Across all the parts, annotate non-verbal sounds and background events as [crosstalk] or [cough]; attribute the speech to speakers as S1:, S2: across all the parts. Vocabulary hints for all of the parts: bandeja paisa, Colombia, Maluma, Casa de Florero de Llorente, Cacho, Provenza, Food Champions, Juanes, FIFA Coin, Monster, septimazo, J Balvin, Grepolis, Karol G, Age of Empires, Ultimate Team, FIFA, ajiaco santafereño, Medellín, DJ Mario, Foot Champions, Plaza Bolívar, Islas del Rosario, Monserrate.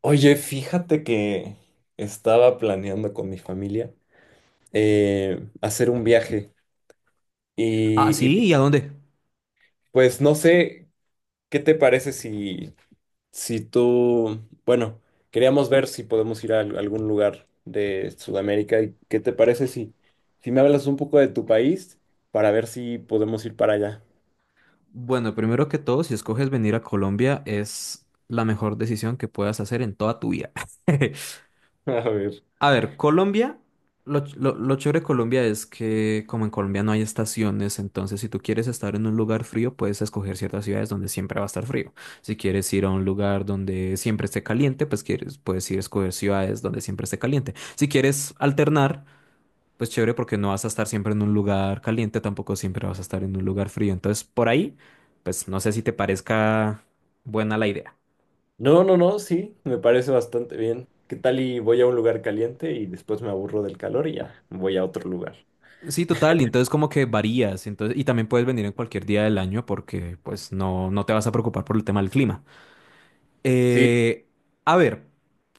S1: Oye, fíjate que estaba planeando con mi familia hacer un viaje
S2: Ah,
S1: y, y,
S2: sí, ¿y a dónde?
S1: pues no sé qué te parece si, si tú, bueno, queríamos ver si podemos ir a algún lugar de Sudamérica y qué te parece si, si me hablas un poco de tu país para ver si podemos ir para allá.
S2: Bueno, primero que todo, si escoges venir a Colombia, es la mejor decisión que puedas hacer en toda tu vida. [laughs]
S1: [laughs] A ver.
S2: A ver, Colombia, lo chévere de Colombia es que como en Colombia no hay estaciones, entonces si tú quieres estar en un lugar frío, puedes escoger ciertas ciudades donde siempre va a estar frío. Si quieres ir a un lugar donde siempre esté caliente, pues puedes ir a escoger ciudades donde siempre esté caliente. Si quieres alternar, pues chévere porque no vas a estar siempre en un lugar caliente, tampoco siempre vas a estar en un lugar frío. Entonces, por ahí, pues no sé si te parezca buena la idea.
S1: No, no, no, sí, me parece bastante bien. ¿Qué tal y voy a un lugar caliente y después me aburro del calor y ya voy a otro lugar?
S2: Sí, total, y entonces como que varías, entonces, y también puedes venir en cualquier día del año porque pues no te vas a preocupar por el tema del clima.
S1: Sí,
S2: Eh, a ver,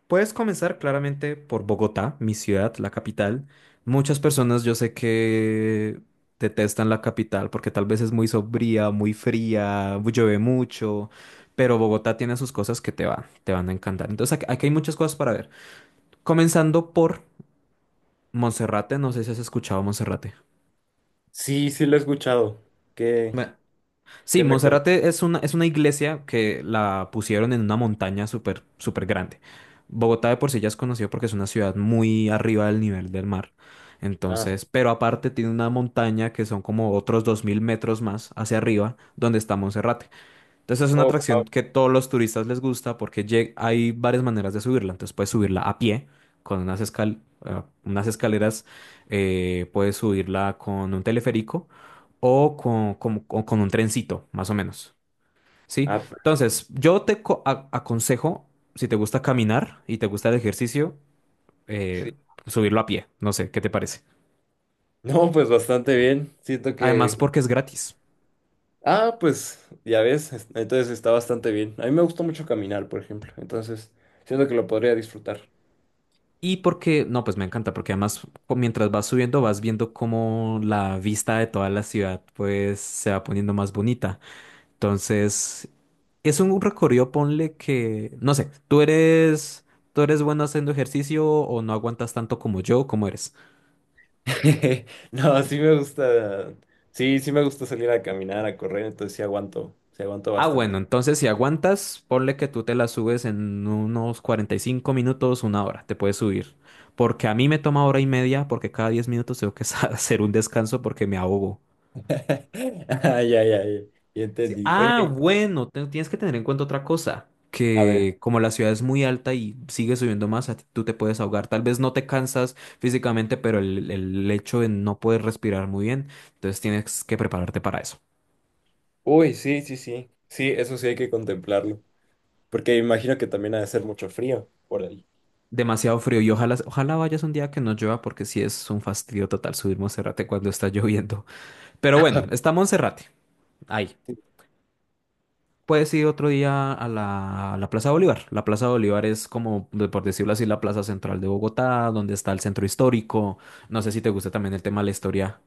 S2: puedes comenzar claramente por Bogotá, mi ciudad, la capital. Muchas personas yo sé que detestan la capital porque tal vez es muy sombría, muy fría, llueve mucho, pero Bogotá tiene sus cosas que te van a encantar. Entonces aquí hay muchas cosas para ver. Comenzando por Monserrate, no sé si has escuchado Monserrate.
S1: Sí lo he escuchado. ¿Qué,
S2: Sí,
S1: ¿qué me cuentas?
S2: Monserrate es una iglesia que la pusieron en una montaña súper, súper grande. Bogotá de por sí ya es conocido porque es una ciudad muy arriba del nivel del mar.
S1: Ah,
S2: Entonces, pero aparte tiene una montaña que son como otros 2.000 metros más hacia arriba donde está Monserrate. Entonces es una
S1: oh, wow.
S2: atracción que todos los turistas les gusta porque hay varias maneras de subirla. Entonces puedes subirla a pie con unas escaleras, puedes subirla con un teleférico o con un trencito, más o menos. ¿Sí?
S1: Ah, p-
S2: Entonces yo te aconsejo, si te gusta caminar y te gusta el ejercicio, eh,
S1: sí.
S2: subirlo a pie. No sé, ¿qué te parece?
S1: No, pues bastante bien. Siento
S2: Además
S1: que.
S2: porque es gratis.
S1: Ah, pues ya ves, es- entonces está bastante bien. A mí me gusta mucho caminar, por ejemplo. Entonces, siento que lo podría disfrutar.
S2: Y porque, no, pues me encanta, porque además mientras vas subiendo vas viendo cómo la vista de toda la ciudad pues se va poniendo más bonita. Entonces, es un recorrido, ponle que, no sé, tú eres bueno haciendo ejercicio o no aguantas tanto como yo, ¿cómo eres?
S1: [laughs] No, sí me gusta. Sí, me gusta salir a caminar, a correr, entonces sí aguanto
S2: Ah,
S1: bastante.
S2: bueno, entonces si aguantas, ponle que tú te la subes en unos 45 minutos, una hora, te puedes subir. Porque a mí me toma hora y media, porque cada 10 minutos tengo que [laughs] hacer un descanso porque me ahogo.
S1: [laughs] Ah, ya. Ya
S2: Sí.
S1: entendí.
S2: Ah,
S1: Oye,
S2: bueno, tienes que tener en cuenta otra cosa,
S1: a ver.
S2: que como la ciudad es muy alta y sigue subiendo más, tú te puedes ahogar. Tal vez no te cansas físicamente, pero el hecho de no poder respirar muy bien, entonces tienes que prepararte para eso.
S1: Uy, sí. Sí, eso sí hay que contemplarlo. Porque imagino que también ha de ser mucho frío por ahí.
S2: Demasiado frío y ojalá, ojalá vayas un día que no llueva porque sí es un fastidio total subir Monserrate cuando está [laughs] lloviendo. Pero bueno, está Monserrate. Ahí. Puedes ir otro día a la Plaza Bolívar. La Plaza Bolívar es como, por decirlo así, la plaza central de Bogotá, donde está el centro histórico. No sé si te gusta también el tema de la historia.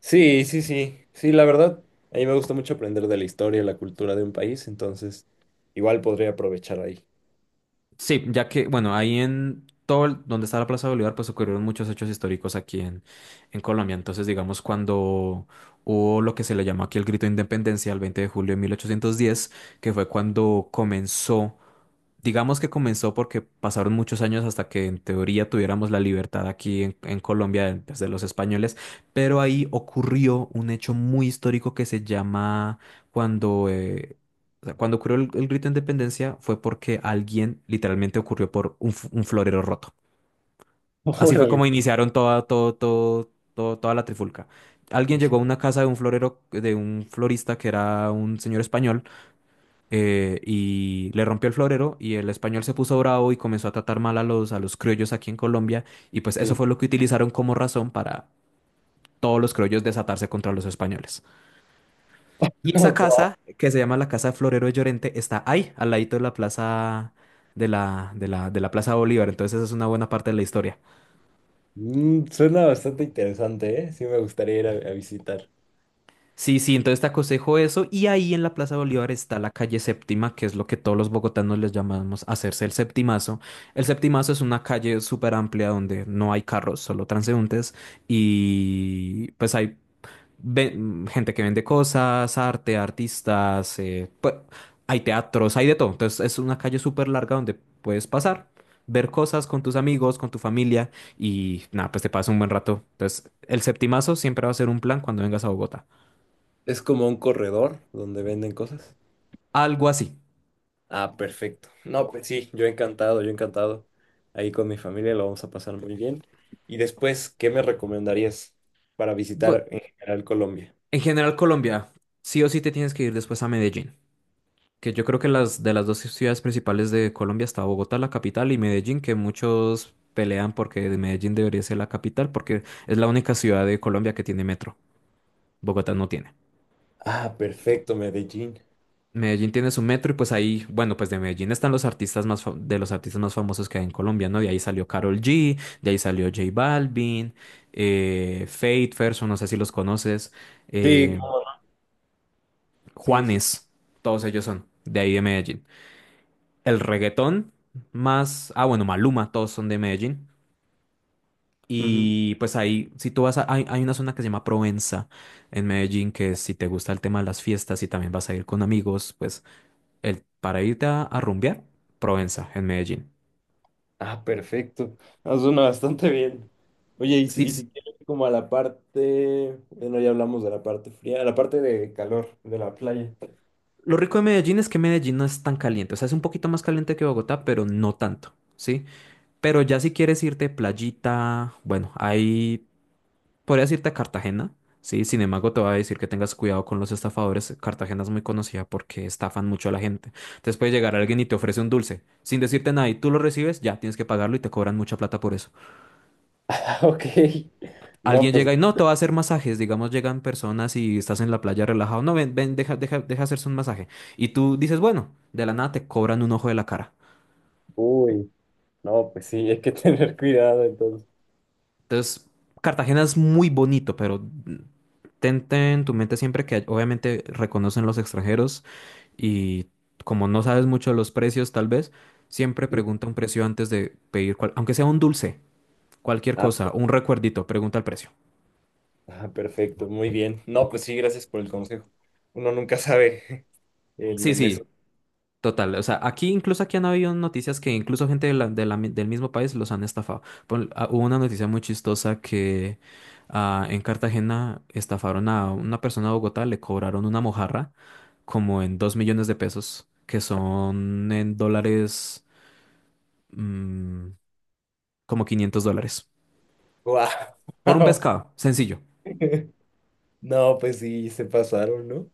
S1: Sí, sí, la verdad. A mí me gusta mucho aprender de la historia y la cultura de un país, entonces igual podría aprovechar ahí.
S2: Sí, ya que, bueno, ahí en donde está la Plaza Bolívar, pues ocurrieron muchos hechos históricos aquí en Colombia. Entonces, digamos, cuando hubo lo que se le llama aquí el grito de independencia el 20 de julio de 1810, que fue cuando comenzó. Digamos que comenzó porque pasaron muchos años hasta que en teoría tuviéramos la libertad aquí en Colombia de pues, de los españoles, pero ahí ocurrió un hecho muy histórico que se llama cuando, o sea, cuando ocurrió el grito de independencia fue porque alguien literalmente ocurrió por un florero roto.
S1: [laughs]
S2: Así fue como
S1: Órale.
S2: iniciaron toda, todo, todo, todo- toda la trifulca. Alguien llegó a una casa de un florista que era un señor español, y le rompió el florero y el español se puso bravo y comenzó a tratar mal a los criollos aquí en Colombia, y pues eso
S1: Sí.
S2: fue lo que utilizaron como razón para todos los criollos desatarse contra los españoles.
S1: [laughs]
S2: Y esa
S1: Wow.
S2: casa, que se llama la Casa de Florero de Llorente, está ahí, al ladito de la plaza de la Plaza Bolívar, entonces esa es una buena parte de la historia.
S1: Mm, suena bastante interesante, ¿eh? Sí, me gustaría a visitar.
S2: Sí, sí, entonces te aconsejo eso. Y ahí en la Plaza Bolívar está la calle Séptima, que es lo que todos los bogotanos les llamamos hacerse el septimazo. El septimazo es una calle súper amplia donde no hay carros, solo transeúntes. Y pues hay gente que vende cosas, arte, artistas, pues, hay teatros, hay de todo. Entonces es una calle súper larga donde puedes pasar, ver cosas con tus amigos, con tu familia y nada, pues te pasa un buen rato. Entonces el septimazo siempre va a ser un plan cuando vengas a Bogotá.
S1: Es como un corredor donde venden cosas.
S2: Algo así.
S1: Ah, perfecto. No, pues sí, yo encantado. Ahí con mi familia lo vamos a pasar muy bien. Y después, ¿qué me recomendarías para
S2: Bu-
S1: visitar en general Colombia?
S2: en general, Colombia, sí o sí te tienes que ir después a Medellín, que yo creo que las de las dos ciudades principales de Colombia está Bogotá, la capital, y Medellín, que muchos pelean porque de Medellín debería ser la capital, porque es la única ciudad de Colombia que tiene metro. Bogotá no tiene.
S1: Ah, perfecto, Medellín.
S2: Medellín tiene su metro y pues ahí, bueno, pues de Medellín están los artistas más fa- de los artistas más famosos que hay en Colombia, ¿no? De ahí salió Karol G, de ahí salió J Balvin, Fate, Ferso, no sé si los conoces.
S1: Sí,
S2: eh,
S1: Sí.
S2: Juanes, todos ellos son de ahí de Medellín. El reggaetón más, ah bueno, Maluma, todos son de Medellín.
S1: Ujú.
S2: Y pues ahí, si tú vas a, hay una zona que se llama Provenza en Medellín, que si te gusta el tema de las fiestas y también vas a ir con amigos, pues para irte a rumbear, Provenza en Medellín.
S1: Ah, perfecto. Ah, suena bastante bien. Oye,
S2: Sí,
S1: y si quieres como a la parte, bueno, ya hablamos de la parte fría, a la parte de calor de la playa. [laughs]
S2: lo rico de Medellín es que Medellín no es tan caliente, o sea, es un poquito más caliente que Bogotá, pero no tanto, ¿sí? Pero ya si quieres irte playita, bueno, ahí podrías irte a Cartagena, sí, sin embargo te voy a decir que tengas cuidado con los estafadores. Cartagena es muy conocida porque estafan mucho a la gente. Entonces puede llegar alguien y te ofrece un dulce, sin decirte nada, y tú lo recibes, ya tienes que pagarlo y te cobran mucha plata por eso.
S1: Ah, ok. No,
S2: Alguien
S1: pues,
S2: llega y no, te va a hacer masajes, digamos, llegan personas y estás en la playa relajado, no, ven, ven, deja, deja, deja hacerse un masaje. Y tú dices, bueno, de la nada te cobran un ojo de la cara.
S1: uy, no, pues sí, hay que [laughs] tener cuidado entonces.
S2: Entonces, Cartagena es muy bonito, pero... Ten, ten en tu mente siempre que obviamente reconocen los extranjeros y como no sabes mucho de los precios, tal vez, siempre
S1: Sí.
S2: pregunta un precio antes de pedir, aunque sea un dulce, cualquier
S1: Ah,
S2: cosa, un recuerdito, pregunta el precio.
S1: ah, perfecto, muy bien. No, pues sí, gracias por el consejo. Uno nunca sabe [laughs]
S2: Sí,
S1: en eso.
S2: sí, total. O sea, aquí, incluso aquí han habido noticias que incluso gente del mismo país los han estafado. Hubo una noticia muy chistosa que en Cartagena estafaron a una persona de Bogotá, le cobraron una mojarra como en 2 millones de pesos, que son en dólares, mm, como 500 dólares.
S1: Wow.
S2: Por un pescado, sencillo.
S1: [laughs] No, pues sí, se pasaron, ¿no?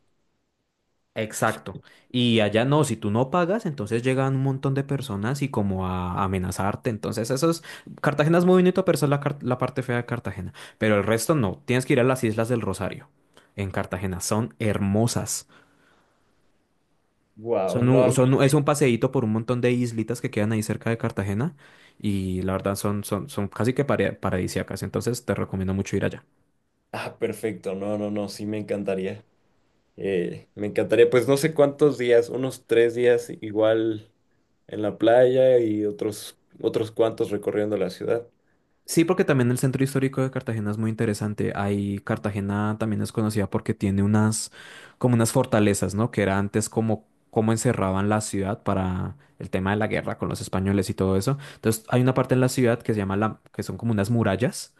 S2: Exacto. Y allá no, si tú no pagas, entonces llegan un montón de personas y como a amenazarte. Entonces, eso es. Cartagena es muy bonito, pero esa es la parte fea de Cartagena. Pero el resto no. Tienes que ir a las Islas del Rosario en Cartagena. Son hermosas.
S1: Wow,
S2: Son, u-
S1: no.
S2: son, u- es un paseíto por un montón de islitas que quedan ahí cerca de Cartagena. Y la verdad son, casi que paradisíacas. Entonces, te recomiendo mucho ir allá.
S1: Ah, perfecto. No, no, no, sí me encantaría. Me encantaría, pues no sé cuántos días, unos 3 días igual en la playa y otros, otros cuantos recorriendo la ciudad.
S2: Sí, porque también el centro histórico de Cartagena es muy interesante. Ahí Cartagena también es conocida porque tiene como unas fortalezas, ¿no? Que era antes como encerraban la ciudad para el tema de la guerra con los españoles y todo eso. Entonces, hay una parte en la ciudad que se llama que son como unas murallas.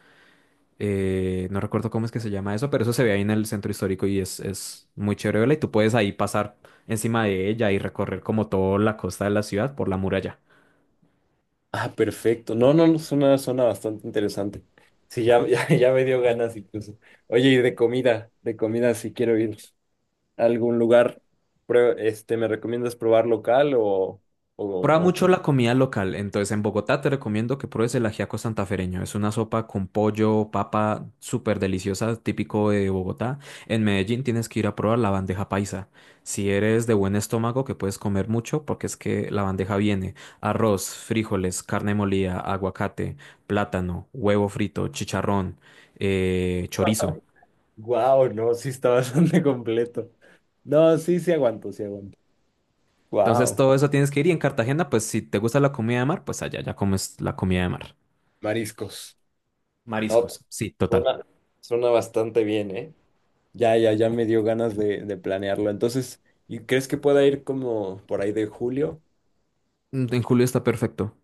S2: No recuerdo cómo es que se llama eso, pero eso se ve ahí en el centro histórico y es muy chévere verla. Y tú puedes ahí pasar encima de ella y recorrer como toda la costa de la ciudad por la muralla.
S1: Ah, perfecto. No, no, no, suena, suena bastante interesante. Sí, ya, [laughs] ya me dio ganas incluso. Oye, de comida, si quiero ir a algún lugar, ¿me recomiendas probar local
S2: Prueba
S1: o qué?
S2: mucho la comida local. Entonces, en Bogotá te recomiendo que pruebes el ajiaco santafereño. Es una sopa con pollo, papa, súper deliciosa, típico de Bogotá. En Medellín tienes que ir a probar la bandeja paisa. Si eres de buen estómago, que puedes comer mucho, porque es que la bandeja viene arroz, frijoles, carne molida, aguacate, plátano, huevo frito, chicharrón, chorizo.
S1: Wow, no, sí está bastante [laughs] completo. No, sí, sí aguanto.
S2: Entonces,
S1: Wow.
S2: todo eso tienes que ir. Y en Cartagena, pues si te gusta la comida de mar, pues allá ya comes la comida de mar.
S1: Mariscos. No,
S2: Mariscos, sí, total.
S1: suena, suena bastante bien, ¿eh? Ya me dio ganas de planearlo. Entonces, ¿y crees que pueda ir como por ahí de julio?
S2: En julio está perfecto.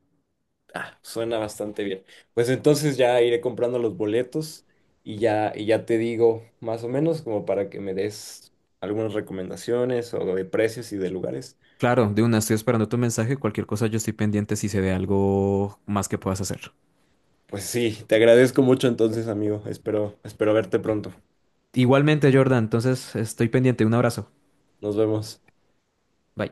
S1: Suena bastante bien. Pues entonces ya iré comprando los boletos y ya te digo más o menos como para que me des algunas recomendaciones o de precios y de lugares.
S2: Claro, de una, estoy esperando tu mensaje. Cualquier cosa, yo estoy pendiente si se ve algo más que puedas hacer.
S1: Pues sí, te agradezco mucho entonces, amigo. Espero, espero verte pronto.
S2: Igualmente, Jordan, entonces estoy pendiente. Un abrazo.
S1: Nos vemos.
S2: Bye.